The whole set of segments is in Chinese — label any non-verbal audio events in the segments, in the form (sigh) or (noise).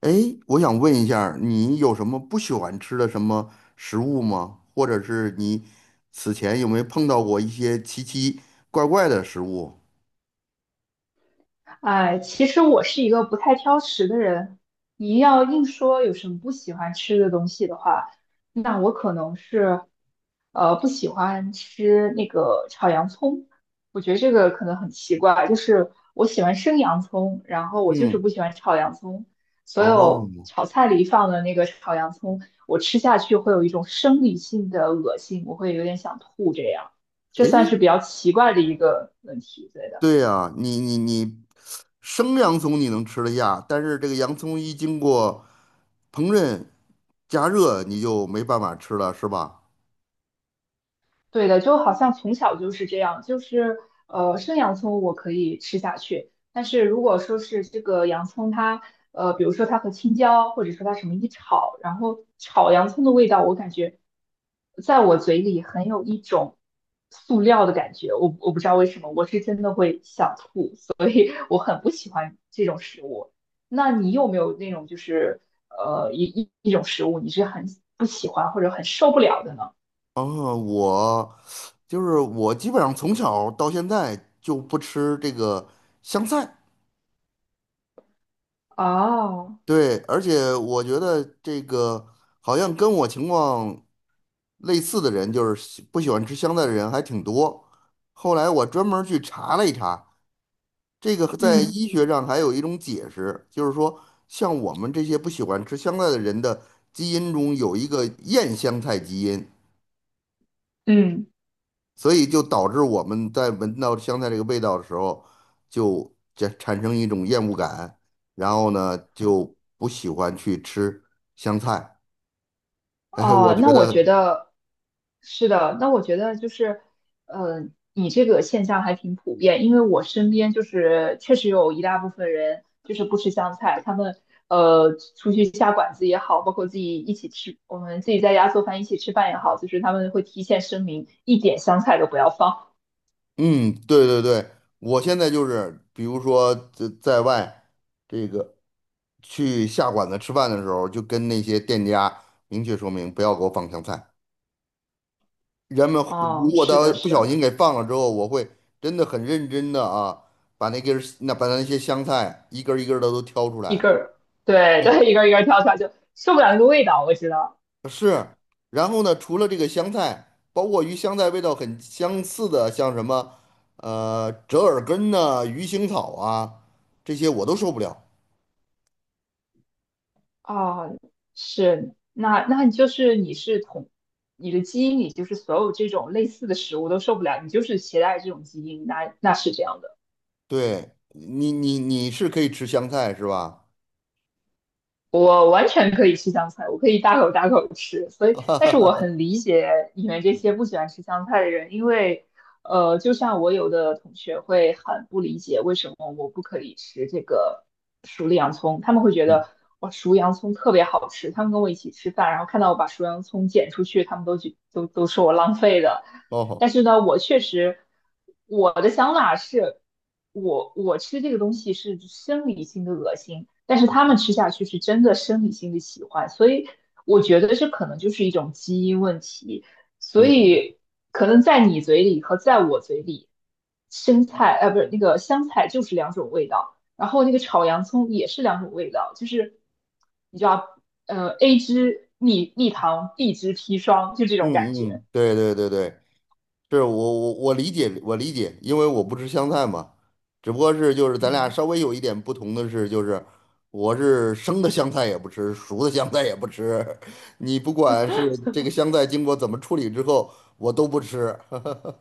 哎，我想问一下儿你有什么不喜欢吃的什么食物吗？或者是你此前有没有碰到过一些奇奇怪怪的食物？哎，其实我是一个不太挑食的人。你要硬说有什么不喜欢吃的东西的话，那我可能是，不喜欢吃那个炒洋葱。我觉得这个可能很奇怪，就是我喜欢生洋葱，然后我就是嗯。不喜欢炒洋葱。所有哦。炒菜里放的那个炒洋葱，我吃下去会有一种生理性的恶心，我会有点想吐这样。这哎，算是比较奇怪的一个问题，对的。对呀，你，生洋葱你能吃得下，但是这个洋葱一经过烹饪加热，你就没办法吃了，是吧？对的，就好像从小就是这样，就是生洋葱我可以吃下去，但是如果说是这个洋葱它，比如说它和青椒，或者说它什么一炒，然后炒洋葱的味道，我感觉在我嘴里很有一种塑料的感觉，我不知道为什么，我是真的会想吐，所以我很不喜欢这种食物。那你有没有那种就是一种食物你是很不喜欢或者很受不了的呢？哦，我就是我基本上从小到现在就不吃这个香菜。哦。对，而且我觉得这个好像跟我情况类似的人，就是喜不喜欢吃香菜的人还挺多。后来我专门儿去查了一查，这个在嗯医学上还有一种解释，就是说像我们这些不喜欢吃香菜的人的基因中有一个厌香菜基因，嗯。所以就导致我们在闻到香菜这个味道的时候，就这产生一种厌恶感，然后呢就不喜欢去吃香菜。哎，我哦，那觉我觉得，得是的，那我觉得就是，呃，你这个现象还挺普遍，因为我身边就是确实有一大部分人就是不吃香菜，他们出去下馆子也好，包括自己一起吃，我们自己在家做饭一起吃饭也好，就是他们会提前声明一点香菜都不要放。嗯，对对对，我现在就是，比如说在外这个去下馆子吃饭的时候，就跟那些店家明确说明，不要给我放香菜。人们如哦，果是他的，不是小的。心给放了之后，我会真的很认真的啊，把那根儿那把那些香菜一根儿一根的都挑出一来。根儿，对对，一根儿一根儿挑出来就受不了那个味道，我知道。是。然后呢，除了这个香菜，包括与香菜味道很相似的，像什么折耳根呐、鱼腥草啊，这些我都受不了。啊，是，那你的基因里就是所有这种类似的食物都受不了，你就是携带这种基因，那那是这样的。对你，你你是可以吃香菜是吧？我完全可以吃香菜，我可以大口大口吃，所以，但是我 (laughs) 很理解你们这些不喜欢吃香菜的人，因为，就像我有的同学会很不理解为什么我不可以吃这个熟的洋葱，他们会觉嗯。得我熟洋葱特别好吃，他们跟我一起吃饭，然后看到我把熟洋葱剪出去，他们都觉都都说我浪费的，哦，但是呢，我确实我的想法是，我吃这个东西是生理性的恶心，但是他们吃下去是真的生理性的喜欢，所以我觉得这可能就是一种基因问题，所嗯嗯以可能在你嘴里和在我嘴里，生菜呃不是那个香菜就是两种味道，然后那个炒洋葱也是两种味道，就是你知道，A 汁蜜蜜糖，B 汁砒霜，就这种感嗯觉。嗯，对对对对，是我理解我理解，因为我不吃香菜嘛，只不过是就是咱俩嗯。稍微有一点不同的是，就是我是生的香菜也不吃，熟的香菜也不吃，(laughs) 你不管是这个香菜经过怎么处理之后，我都不吃。(laughs)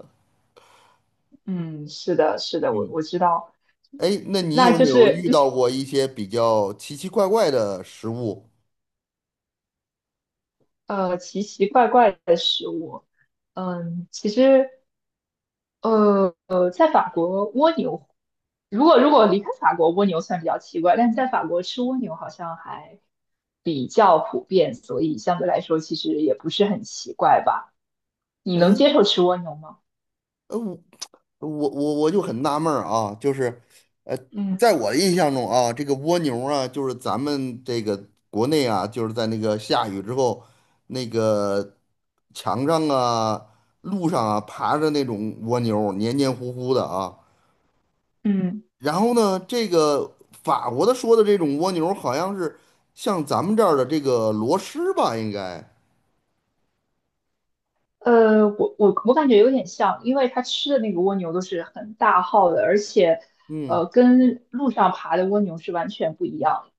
嗯，是的，是的，我嗯。我知道。哎，那你那有就没有是遇就是到过一些比较奇奇怪怪的食物？呃奇奇怪怪的食物，嗯，其实在法国蜗牛，如果离开法国，蜗牛算比较奇怪，但是在法国吃蜗牛好像还比较普遍，所以相对来说其实也不是很奇怪吧？你能哎，接受吃蜗牛吗？呃，我我就很纳闷儿啊，就是。嗯在我的印象中啊，这个蜗牛啊，就是咱们这个国内啊，就是在那个下雨之后，那个墙上啊、路上啊爬着那种蜗牛，黏黏糊糊的啊。嗯。然后呢，这个法国的说的这种蜗牛，好像是像咱们这儿的这个螺蛳吧，应该。我感觉有点像，因为它吃的那个蜗牛都是很大号的，而且，嗯，跟路上爬的蜗牛是完全不一样的。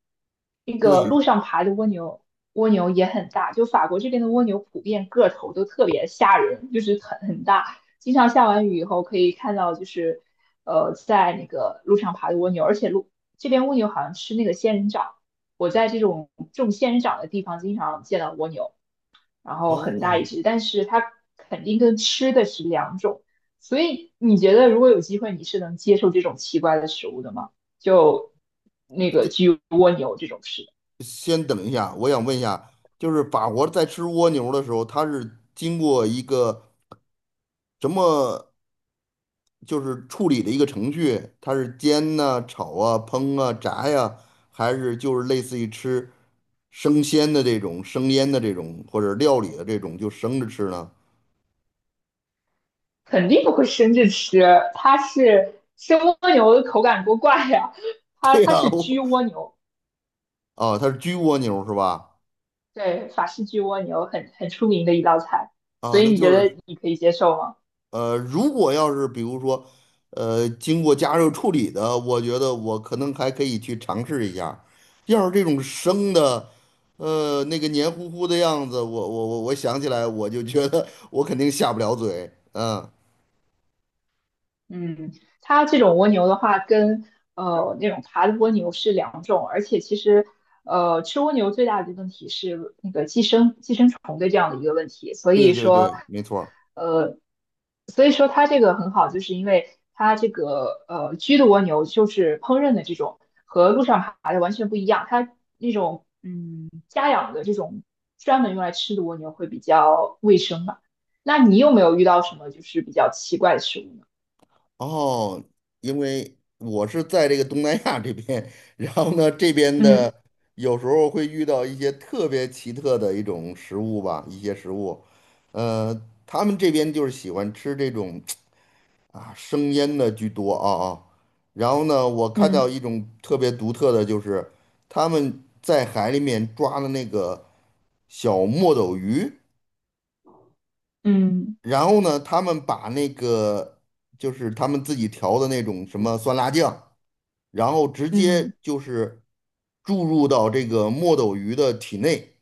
那对。个路上爬的蜗牛，蜗牛也很大，就法国这边的蜗牛普遍个头都特别吓人，就是很大。经常下完雨以后可以看到，就是在那个路上爬的蜗牛，而且路这边蜗牛好像吃那个仙人掌，我在这种种仙人掌的地方经常见到蜗牛。然后很大哦，一只，但是它肯定跟吃的是两种。所以你觉得如果有机会，你是能接受这种奇怪的食物的吗？就那个这焗蜗牛这种吃的，先等一下，我想问一下，就是法国在吃蜗牛的时候，它是经过一个什么就是处理的一个程序，它是煎呐、炒啊、烹啊、炸呀、还是就是类似于吃生鲜的这种、生腌的这种或者料理的这种，就生着吃呢？肯定不会生着吃，它是生蜗牛的口感多怪呀、(laughs) 它对它呀、啊，是焗蜗牛，啊它是焗蜗牛是吧？对，法式焗蜗牛很出名的一道菜，啊，所以那你就觉得是你可以接受吗？如果要是比如说，经过加热处理的，我觉得我可能还可以去尝试一下。要是这种生的，那个黏糊糊的样子，我想起来，我就觉得 (laughs) 我肯定下不了嘴。嗯，嗯，它这种蜗牛的话，跟那种爬的蜗牛是两种，而且其实吃蜗牛最大的问题是那个寄生虫的这样的一个问题，所对以对说对，没错。呃它这个很好，就是因为它这个居的蜗牛就是烹饪的这种和路上爬的完全不一样，它那种嗯家养的这种专门用来吃的蜗牛会比较卫生吧？那你有没有遇到什么就是比较奇怪的食物呢？哦，因为我是在这个东南亚这边，(laughs) 然后呢，这边嗯。的有时候会遇到一些特别奇特的一种食物吧，一些食物，呃，他们这边就是喜欢吃这种 (tsk) 啊生腌的居多啊啊，然后呢，我看到嗯。一种特别独特的就是他们在海里面抓的那个小墨斗鱼，嗯然后呢，他们把那个就是他们自己调的那种什么酸辣酱。然后直接嗯。就是注入到这个墨斗鱼的体内，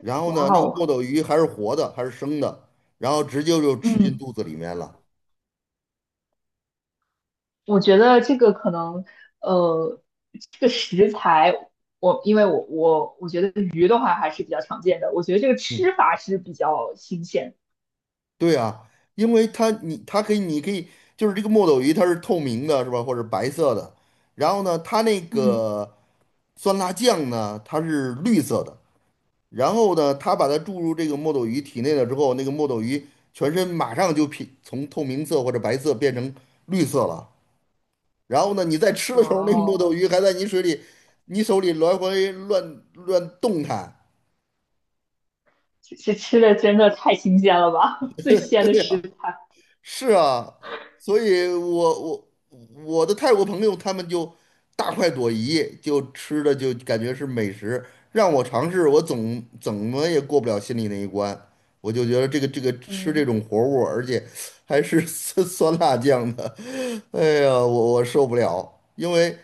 然后呢，哇那个墨哦。斗鱼还是活的，还是生的，然后直接就吃进嗯，肚子里面了。我觉得这个可能，呃，这个食材，因为我觉得鱼的话还是比较常见的，我觉得这个嗯，吃法是比较新鲜。对啊，因为它你它可以你可以就是这个墨斗鱼它是透明的，是吧？或者白色的，然后呢，它那嗯。个酸辣酱呢，它是绿色的。然后呢，它把它注入这个墨斗鱼体内了之后，那个墨斗鱼全身马上就变从透明色或者白色变成绿色了。然后呢，你在吃的哇时候，那木哦。头鱼还在你水里、你手里来回乱动弹，这这吃的真的太新鲜了吧，(laughs) 最鲜的食材。是啊，所以我我的泰国朋友他们就大快朵颐，就吃的就感觉是美食，让我尝试，我总怎么也过不了心里那一关。我就觉得这个吃这嗯种活物，而且还是 (laughs) 酸酸辣酱的，哎呀，我受不了，因为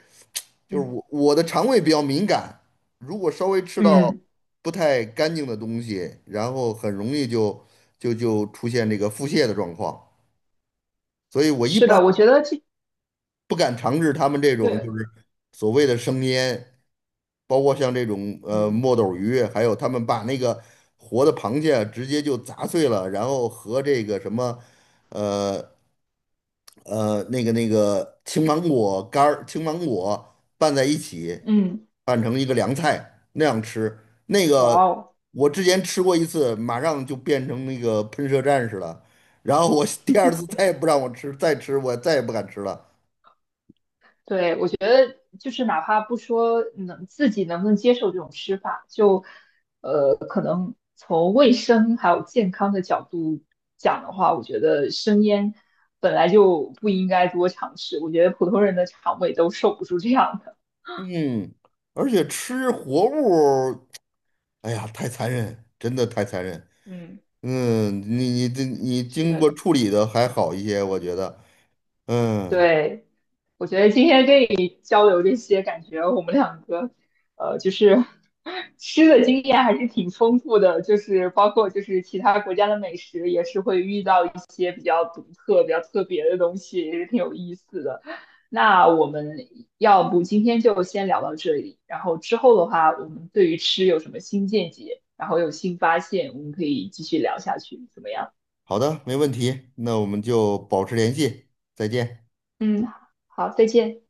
就是嗯我的肠胃比较敏感，如果稍微吃到嗯，不太干净的东西，然后很容易就就出现这个腹泻的状况。所以我一是般的，我觉得这不敢尝试他们这种对。就是所谓的生腌，包括像这种嗯墨斗鱼，还有他们把那个活的螃蟹直接就砸碎了，然后和这个什么呃那个青芒果干儿、青芒果拌在一起，嗯。拌成一个凉菜那样吃。那哇个哦。我之前吃过一次，马上就变成那个喷射战士了。然后我 (laughs) 第二次再也不让我吃，再吃我再也不敢吃了。对，我觉得就是哪怕不说能自己能不能接受这种吃法，就从卫生还有健康的角度讲的话，我觉得生烟本来就不应该多尝试。我觉得普通人的肠胃都受不住这样的。嗯，而且吃活物。哎呀，太残忍，真的太残忍。嗯，嗯，你你这你是经的。过处理的还好一些，我觉得。嗯，对，我觉得今天跟你交流这些，感觉我们两个，就是 (laughs) 吃的经验还是挺丰富的，就是包括就是其他国家的美食，也是会遇到一些比较独特、比较特别的东西，也是挺有意思的。那我们要不今天就先聊到这里，然后之后的话，我们对于吃有什么新见解，然后有新发现，我们可以继续聊下去，怎么样？好的，没问题，那我们就保持联系，再见。嗯，好，再见。